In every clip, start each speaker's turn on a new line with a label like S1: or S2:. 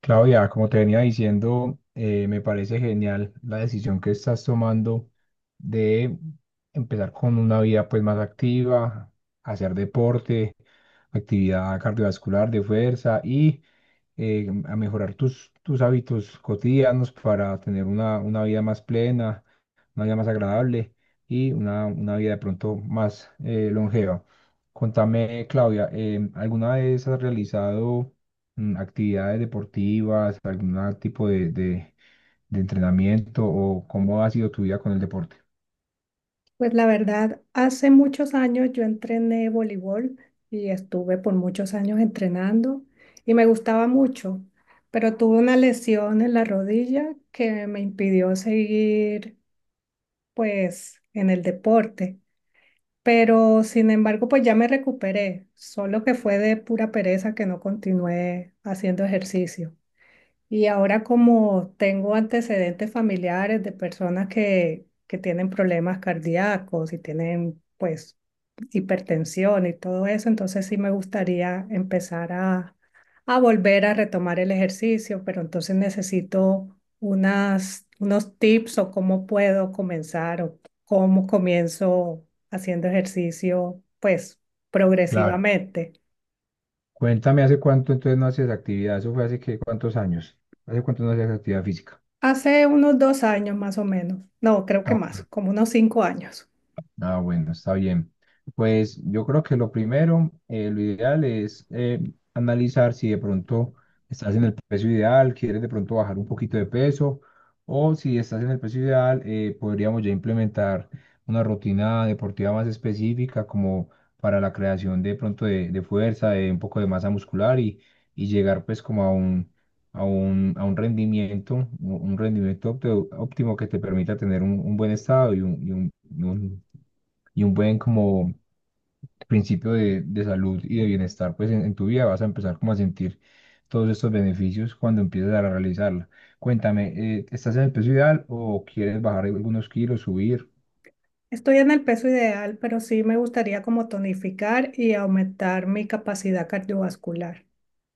S1: Claudia, como te venía diciendo, me parece genial la decisión que estás tomando de empezar con una vida pues más activa, hacer deporte, actividad cardiovascular de fuerza y a mejorar tus hábitos cotidianos para tener una vida más plena, una vida más agradable y una vida de pronto más longeva. Contame, Claudia, ¿alguna vez has realizado actividades deportivas, algún tipo de entrenamiento o cómo ha sido tu vida con el deporte?
S2: Pues la verdad, hace muchos años yo entrené voleibol y estuve por muchos años entrenando y me gustaba mucho, pero tuve una lesión en la rodilla que me impidió seguir pues en el deporte. Pero sin embargo, pues ya me recuperé, solo que fue de pura pereza que no continué haciendo ejercicio. Y ahora como tengo antecedentes familiares de personas que tienen problemas cardíacos y tienen pues hipertensión y todo eso, entonces sí me gustaría empezar a volver a retomar el ejercicio, pero entonces necesito unas, unos tips o cómo puedo comenzar o cómo comienzo haciendo ejercicio, pues
S1: Claro.
S2: progresivamente.
S1: Cuéntame, ¿hace cuánto entonces no haces actividad? ¿Eso fue hace qué, cuántos años? ¿Hace cuánto no hacías actividad física?
S2: Hace unos 2 años más o menos, no, creo que más, como unos 5 años.
S1: Ah, bueno, está bien. Pues yo creo que lo primero, lo ideal es analizar si de pronto estás en el peso ideal, quieres de pronto bajar un poquito de peso, o si estás en el peso ideal, podríamos ya implementar una rutina deportiva más específica como para la creación de pronto de fuerza, de un poco de masa muscular y llegar pues como a un rendimiento, un rendimiento óptimo que te permita tener un buen estado y y un un buen como principio de salud y de bienestar, pues en tu vida vas a empezar como a sentir todos estos beneficios cuando empieces a realizarla. Cuéntame, ¿estás en el peso ideal o quieres bajar algunos kilos, subir?
S2: Estoy en el peso ideal, pero sí me gustaría como tonificar y aumentar mi capacidad cardiovascular.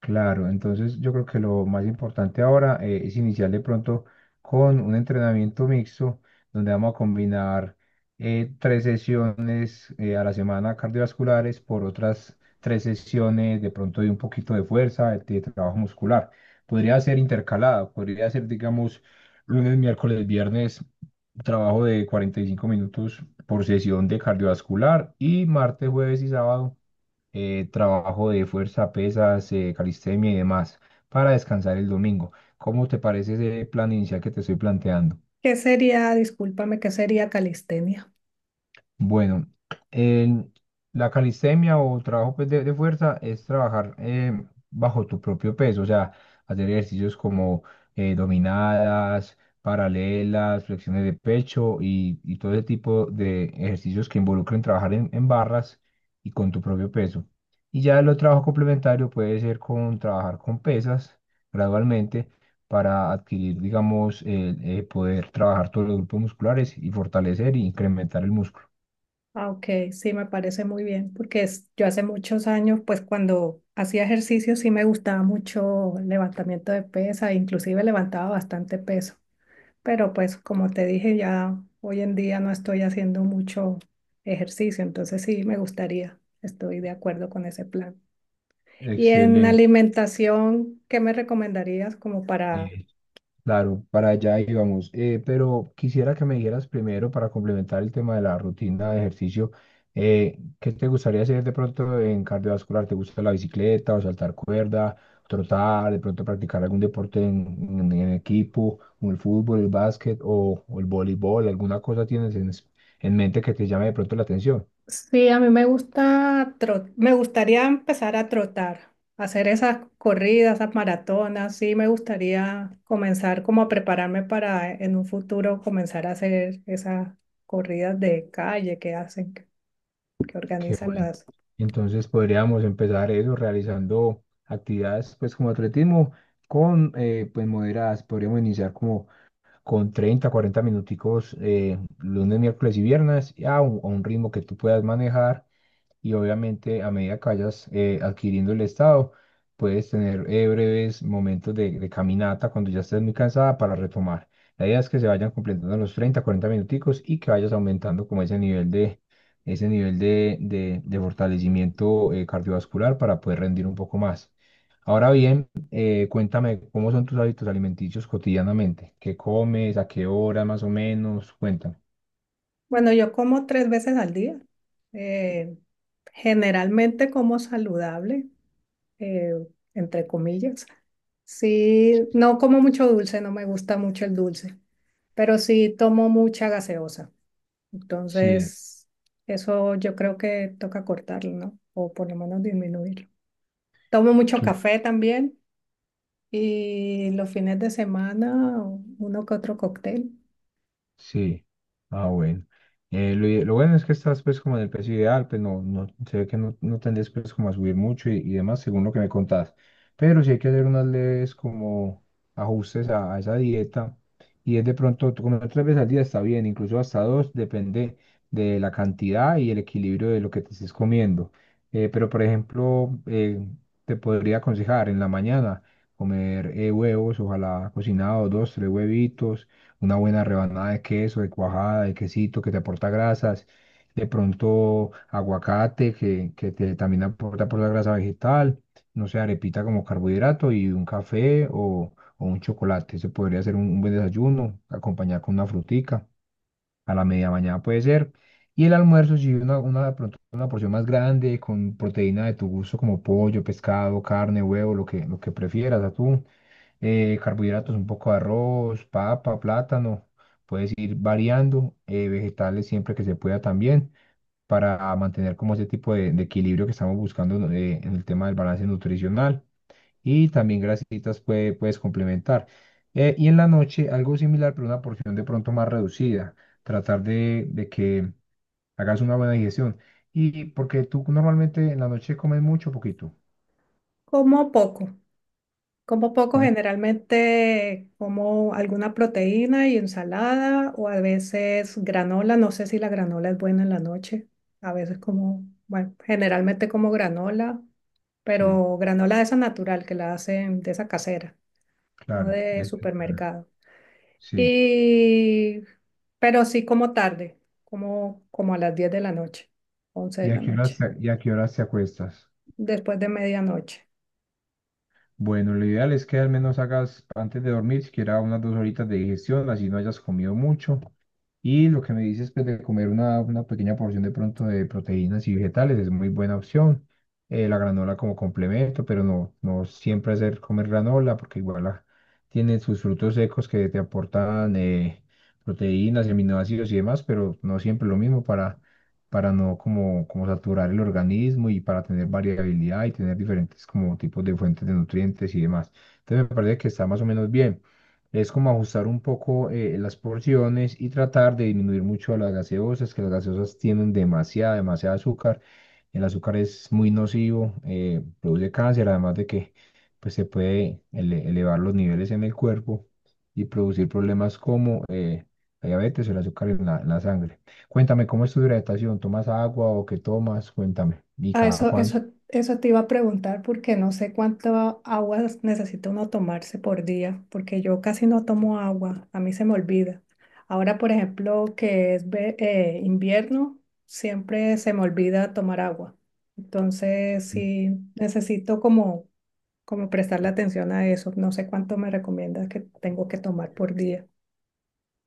S1: Claro, entonces yo creo que lo más importante ahora es iniciar de pronto con un entrenamiento mixto donde vamos a combinar tres sesiones a la semana cardiovasculares por otras tres sesiones de pronto de un poquito de fuerza, de trabajo muscular. Podría ser intercalado, podría ser, digamos, lunes, miércoles, viernes, trabajo de 45 minutos por sesión de cardiovascular y martes, jueves y sábado, trabajo de fuerza, pesas, calistenia y demás, para descansar el domingo. ¿Cómo te parece ese plan inicial que te estoy planteando?
S2: ¿Qué sería, discúlpame, qué sería calistenia?
S1: Bueno, el- la calistenia o trabajo pues, de fuerza es trabajar bajo tu propio peso, o sea, hacer ejercicios como dominadas, paralelas, flexiones de pecho y todo ese tipo de ejercicios que involucren trabajar en barras y con tu propio peso. Y ya el otro trabajo complementario puede ser con trabajar con pesas gradualmente para adquirir, digamos, el, poder trabajar todos los grupos musculares y fortalecer e incrementar el músculo.
S2: Ah, ok, sí, me parece muy bien, porque yo hace muchos años, pues cuando hacía ejercicio sí me gustaba mucho el levantamiento de pesa, inclusive levantaba bastante peso, pero pues como te dije, ya hoy en día no estoy haciendo mucho ejercicio, entonces sí me gustaría, estoy de acuerdo con ese plan. Y en
S1: Excelente.
S2: alimentación, ¿qué me recomendarías como para.
S1: eh, claro, para allá íbamos. Pero quisiera que me dijeras primero, para complementar el tema de la rutina de ejercicio, ¿qué te gustaría hacer de pronto en cardiovascular? ¿Te gusta la bicicleta o saltar cuerda, trotar, de pronto practicar algún deporte en equipo, como el fútbol, el básquet o el voleibol? ¿Alguna cosa tienes en mente que te llame de pronto la atención?
S2: Sí, a mí me gusta tro, me gustaría empezar a trotar, hacer esas corridas, esas maratonas, sí, me gustaría comenzar como a prepararme para en un futuro comenzar a hacer esas corridas de calle que hacen, que
S1: Qué
S2: organizan
S1: bueno.
S2: las.
S1: Entonces podríamos empezar eso realizando actividades pues como atletismo con pues moderadas. Podríamos iniciar como con 30 40 minuticos lunes, miércoles y viernes a un ritmo que tú puedas manejar y obviamente a medida que vayas adquiriendo el estado, puedes tener breves momentos de caminata cuando ya estés muy cansada para retomar. La idea es que se vayan completando los 30 40 minuticos y que vayas aumentando como ese ese nivel de fortalecimiento cardiovascular para poder rendir un poco más. Ahora bien, cuéntame cómo son tus hábitos alimenticios cotidianamente, qué comes, a qué hora más o menos, cuéntame.
S2: Bueno, yo como 3 veces al día, eh, generalmente como saludable, eh, entre comillas. Sí, no como mucho dulce, no me gusta mucho el dulce, pero sí tomo mucha gaseosa.
S1: Sí.
S2: Entonces, eso yo creo que toca cortarlo, ¿no? O por lo menos disminuirlo. Tomo mucho café también y los fines de semana uno que otro cóctel.
S1: Sí, ah, bueno. Lo, lo bueno es que estás pues como en el peso ideal, pues no, no, se ve que no, no tendés pues como a subir mucho y demás, según lo que me contás. Pero sí hay que hacer unas leves como ajustes a esa dieta. Y es de pronto, tú comer tres veces al día está bien, incluso hasta dos, depende de la cantidad y el equilibrio de lo que te estés comiendo. Pero por ejemplo, te podría aconsejar en la mañana comer huevos, ojalá cocinados, dos, tres huevitos, una buena rebanada de queso, de cuajada, de quesito que te aporta grasas, de pronto aguacate que te también aporta, aporta grasa vegetal, no sé, arepita como carbohidrato y un café o un chocolate. Se podría hacer un buen desayuno, acompañar con una frutica, a la media mañana puede ser. Y el almuerzo, si de pronto una porción más grande con proteína de tu gusto como pollo, pescado, carne, huevo, lo que prefieras, atún, carbohidratos, un poco de arroz, papa, plátano. Puedes ir variando, vegetales siempre que se pueda también, para mantener como ese tipo de equilibrio que estamos buscando en el tema del balance nutricional. Y también grasitas puedes complementar. Y en la noche algo similar, pero una porción de pronto más reducida. Tratar de que hagas una buena digestión. Y porque tú normalmente en la noche comes mucho o poquito.
S2: Como poco. Como poco,
S1: Comes-
S2: generalmente como alguna proteína y ensalada o a veces granola. No sé si la granola es buena en la noche. A veces como, bueno, generalmente como granola,
S1: sí,
S2: pero granola de esa natural que la hacen de esa casera, no
S1: claro.
S2: de
S1: Es,
S2: supermercado.
S1: sí.
S2: Y, pero sí como tarde, como a las 10 de la noche, 11 de
S1: ¿Y
S2: la
S1: a qué
S2: noche,
S1: horas te acuestas?
S2: después de medianoche.
S1: Bueno, lo ideal es que al menos hagas antes de dormir siquiera unas dos horitas de digestión, así no hayas comido mucho. Y lo que me dices, pues de comer una pequeña porción de pronto de proteínas y vegetales es muy buena opción. La granola como complemento, pero no, no siempre hacer comer granola porque igual tiene sus frutos secos que te aportan proteínas y aminoácidos y demás, pero no siempre lo mismo para no como, como saturar el organismo y para tener variabilidad y tener diferentes como tipos de fuentes de nutrientes y demás. Entonces me parece que está más o menos bien. Es como ajustar un poco las porciones y tratar de disminuir mucho las gaseosas, que las gaseosas tienen demasiada azúcar. El azúcar es muy nocivo, produce cáncer, además de que pues, se puede elevar los niveles en el cuerpo y producir problemas como la diabetes o el azúcar en la sangre. Cuéntame, ¿cómo es tu hidratación? ¿Tomas agua o qué tomas? Cuéntame. ¿Y
S2: Ah,
S1: cada
S2: eso,
S1: cuánto?
S2: eso, eso te iba a preguntar porque no sé cuánto agua necesita uno tomarse por día, porque yo casi no tomo agua, a mí se me olvida. Ahora, por ejemplo, que es invierno, siempre se me olvida tomar agua. Entonces,
S1: Sí.
S2: sí, necesito como prestarle atención a eso. No sé cuánto me recomiendas que tengo que tomar por día.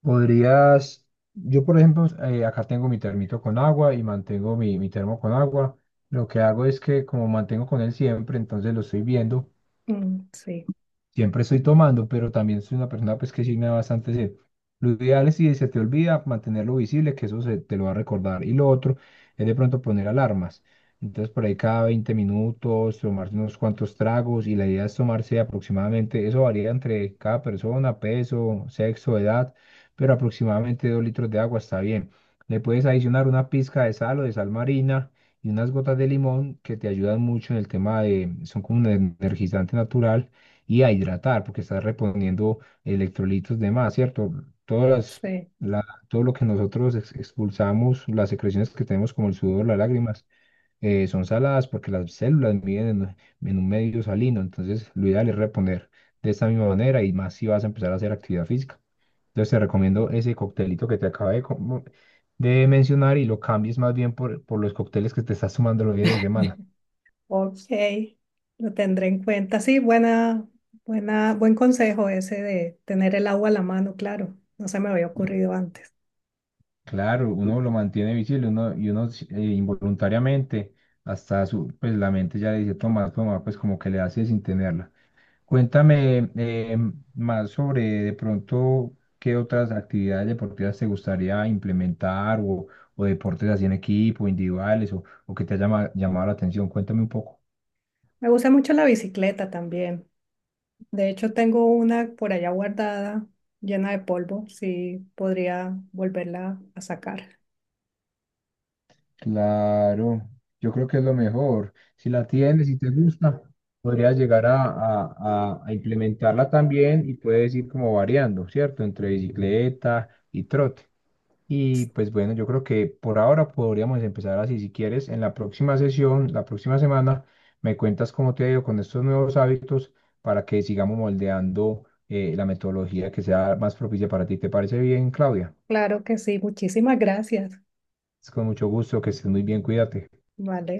S1: Podrías, yo por ejemplo, acá tengo mi termito con agua y mantengo mi termo con agua. Lo que hago es que como mantengo con él siempre, entonces lo estoy viendo.
S2: Mm, sí,
S1: Siempre estoy tomando, pero también soy una persona pues que sí me da bastante sed. Lo ideal es si se te olvida mantenerlo visible, que te lo va a recordar. Y lo otro es de pronto poner alarmas. Entonces por ahí cada 20 minutos, tomarse unos cuantos tragos y la idea es tomarse aproximadamente, eso varía entre cada persona, peso, sexo, edad, pero aproximadamente dos litros de agua está bien. Le puedes adicionar una pizca de sal o de sal marina y unas gotas de limón que te ayudan mucho en el tema de, son como un energizante natural y a hidratar, porque estás reponiendo electrolitos de más, ¿cierto? Todas las,
S2: sí.
S1: la- todo lo que nosotros expulsamos, las secreciones que tenemos como el sudor, las lágrimas, son saladas porque las células miden en un medio salino, entonces lo ideal es reponer de esta misma manera y más si vas a empezar a hacer actividad física. Entonces te recomiendo ese coctelito que te acabé de mencionar y lo cambies más bien por los cócteles que te estás tomando los fines de semana.
S2: Ok, lo tendré en cuenta. Sí, buena, buena, buen consejo ese de tener el agua a la mano, claro. No se me había ocurrido antes.
S1: Claro, uno lo mantiene visible, uno, y uno involuntariamente, hasta su, pues la mente ya le dice, toma, toma, pues como que le hace sin tenerla. Cuéntame más sobre de pronto qué otras actividades deportivas te gustaría implementar o deportes así en equipo, individuales o que te haya llamado la atención. Cuéntame un poco.
S2: Me gusta mucho la bicicleta también. De hecho, tengo una por allá guardada, llena de polvo. Sí, podría volverla a sacar.
S1: Claro, yo creo que es lo mejor. Si la tienes y te gusta, podrías llegar a implementarla también y puedes ir como variando, ¿cierto? Entre bicicleta y trote. Y pues bueno, yo creo que por ahora podríamos empezar así. Si quieres, en la próxima sesión, la próxima semana, me cuentas cómo te ha ido con estos nuevos hábitos para que sigamos moldeando la metodología que sea más propicia para ti. ¿Te parece bien, Claudia?
S2: Claro que sí. Muchísimas gracias.
S1: Es con mucho gusto, que estés muy bien, cuídate.
S2: Vale.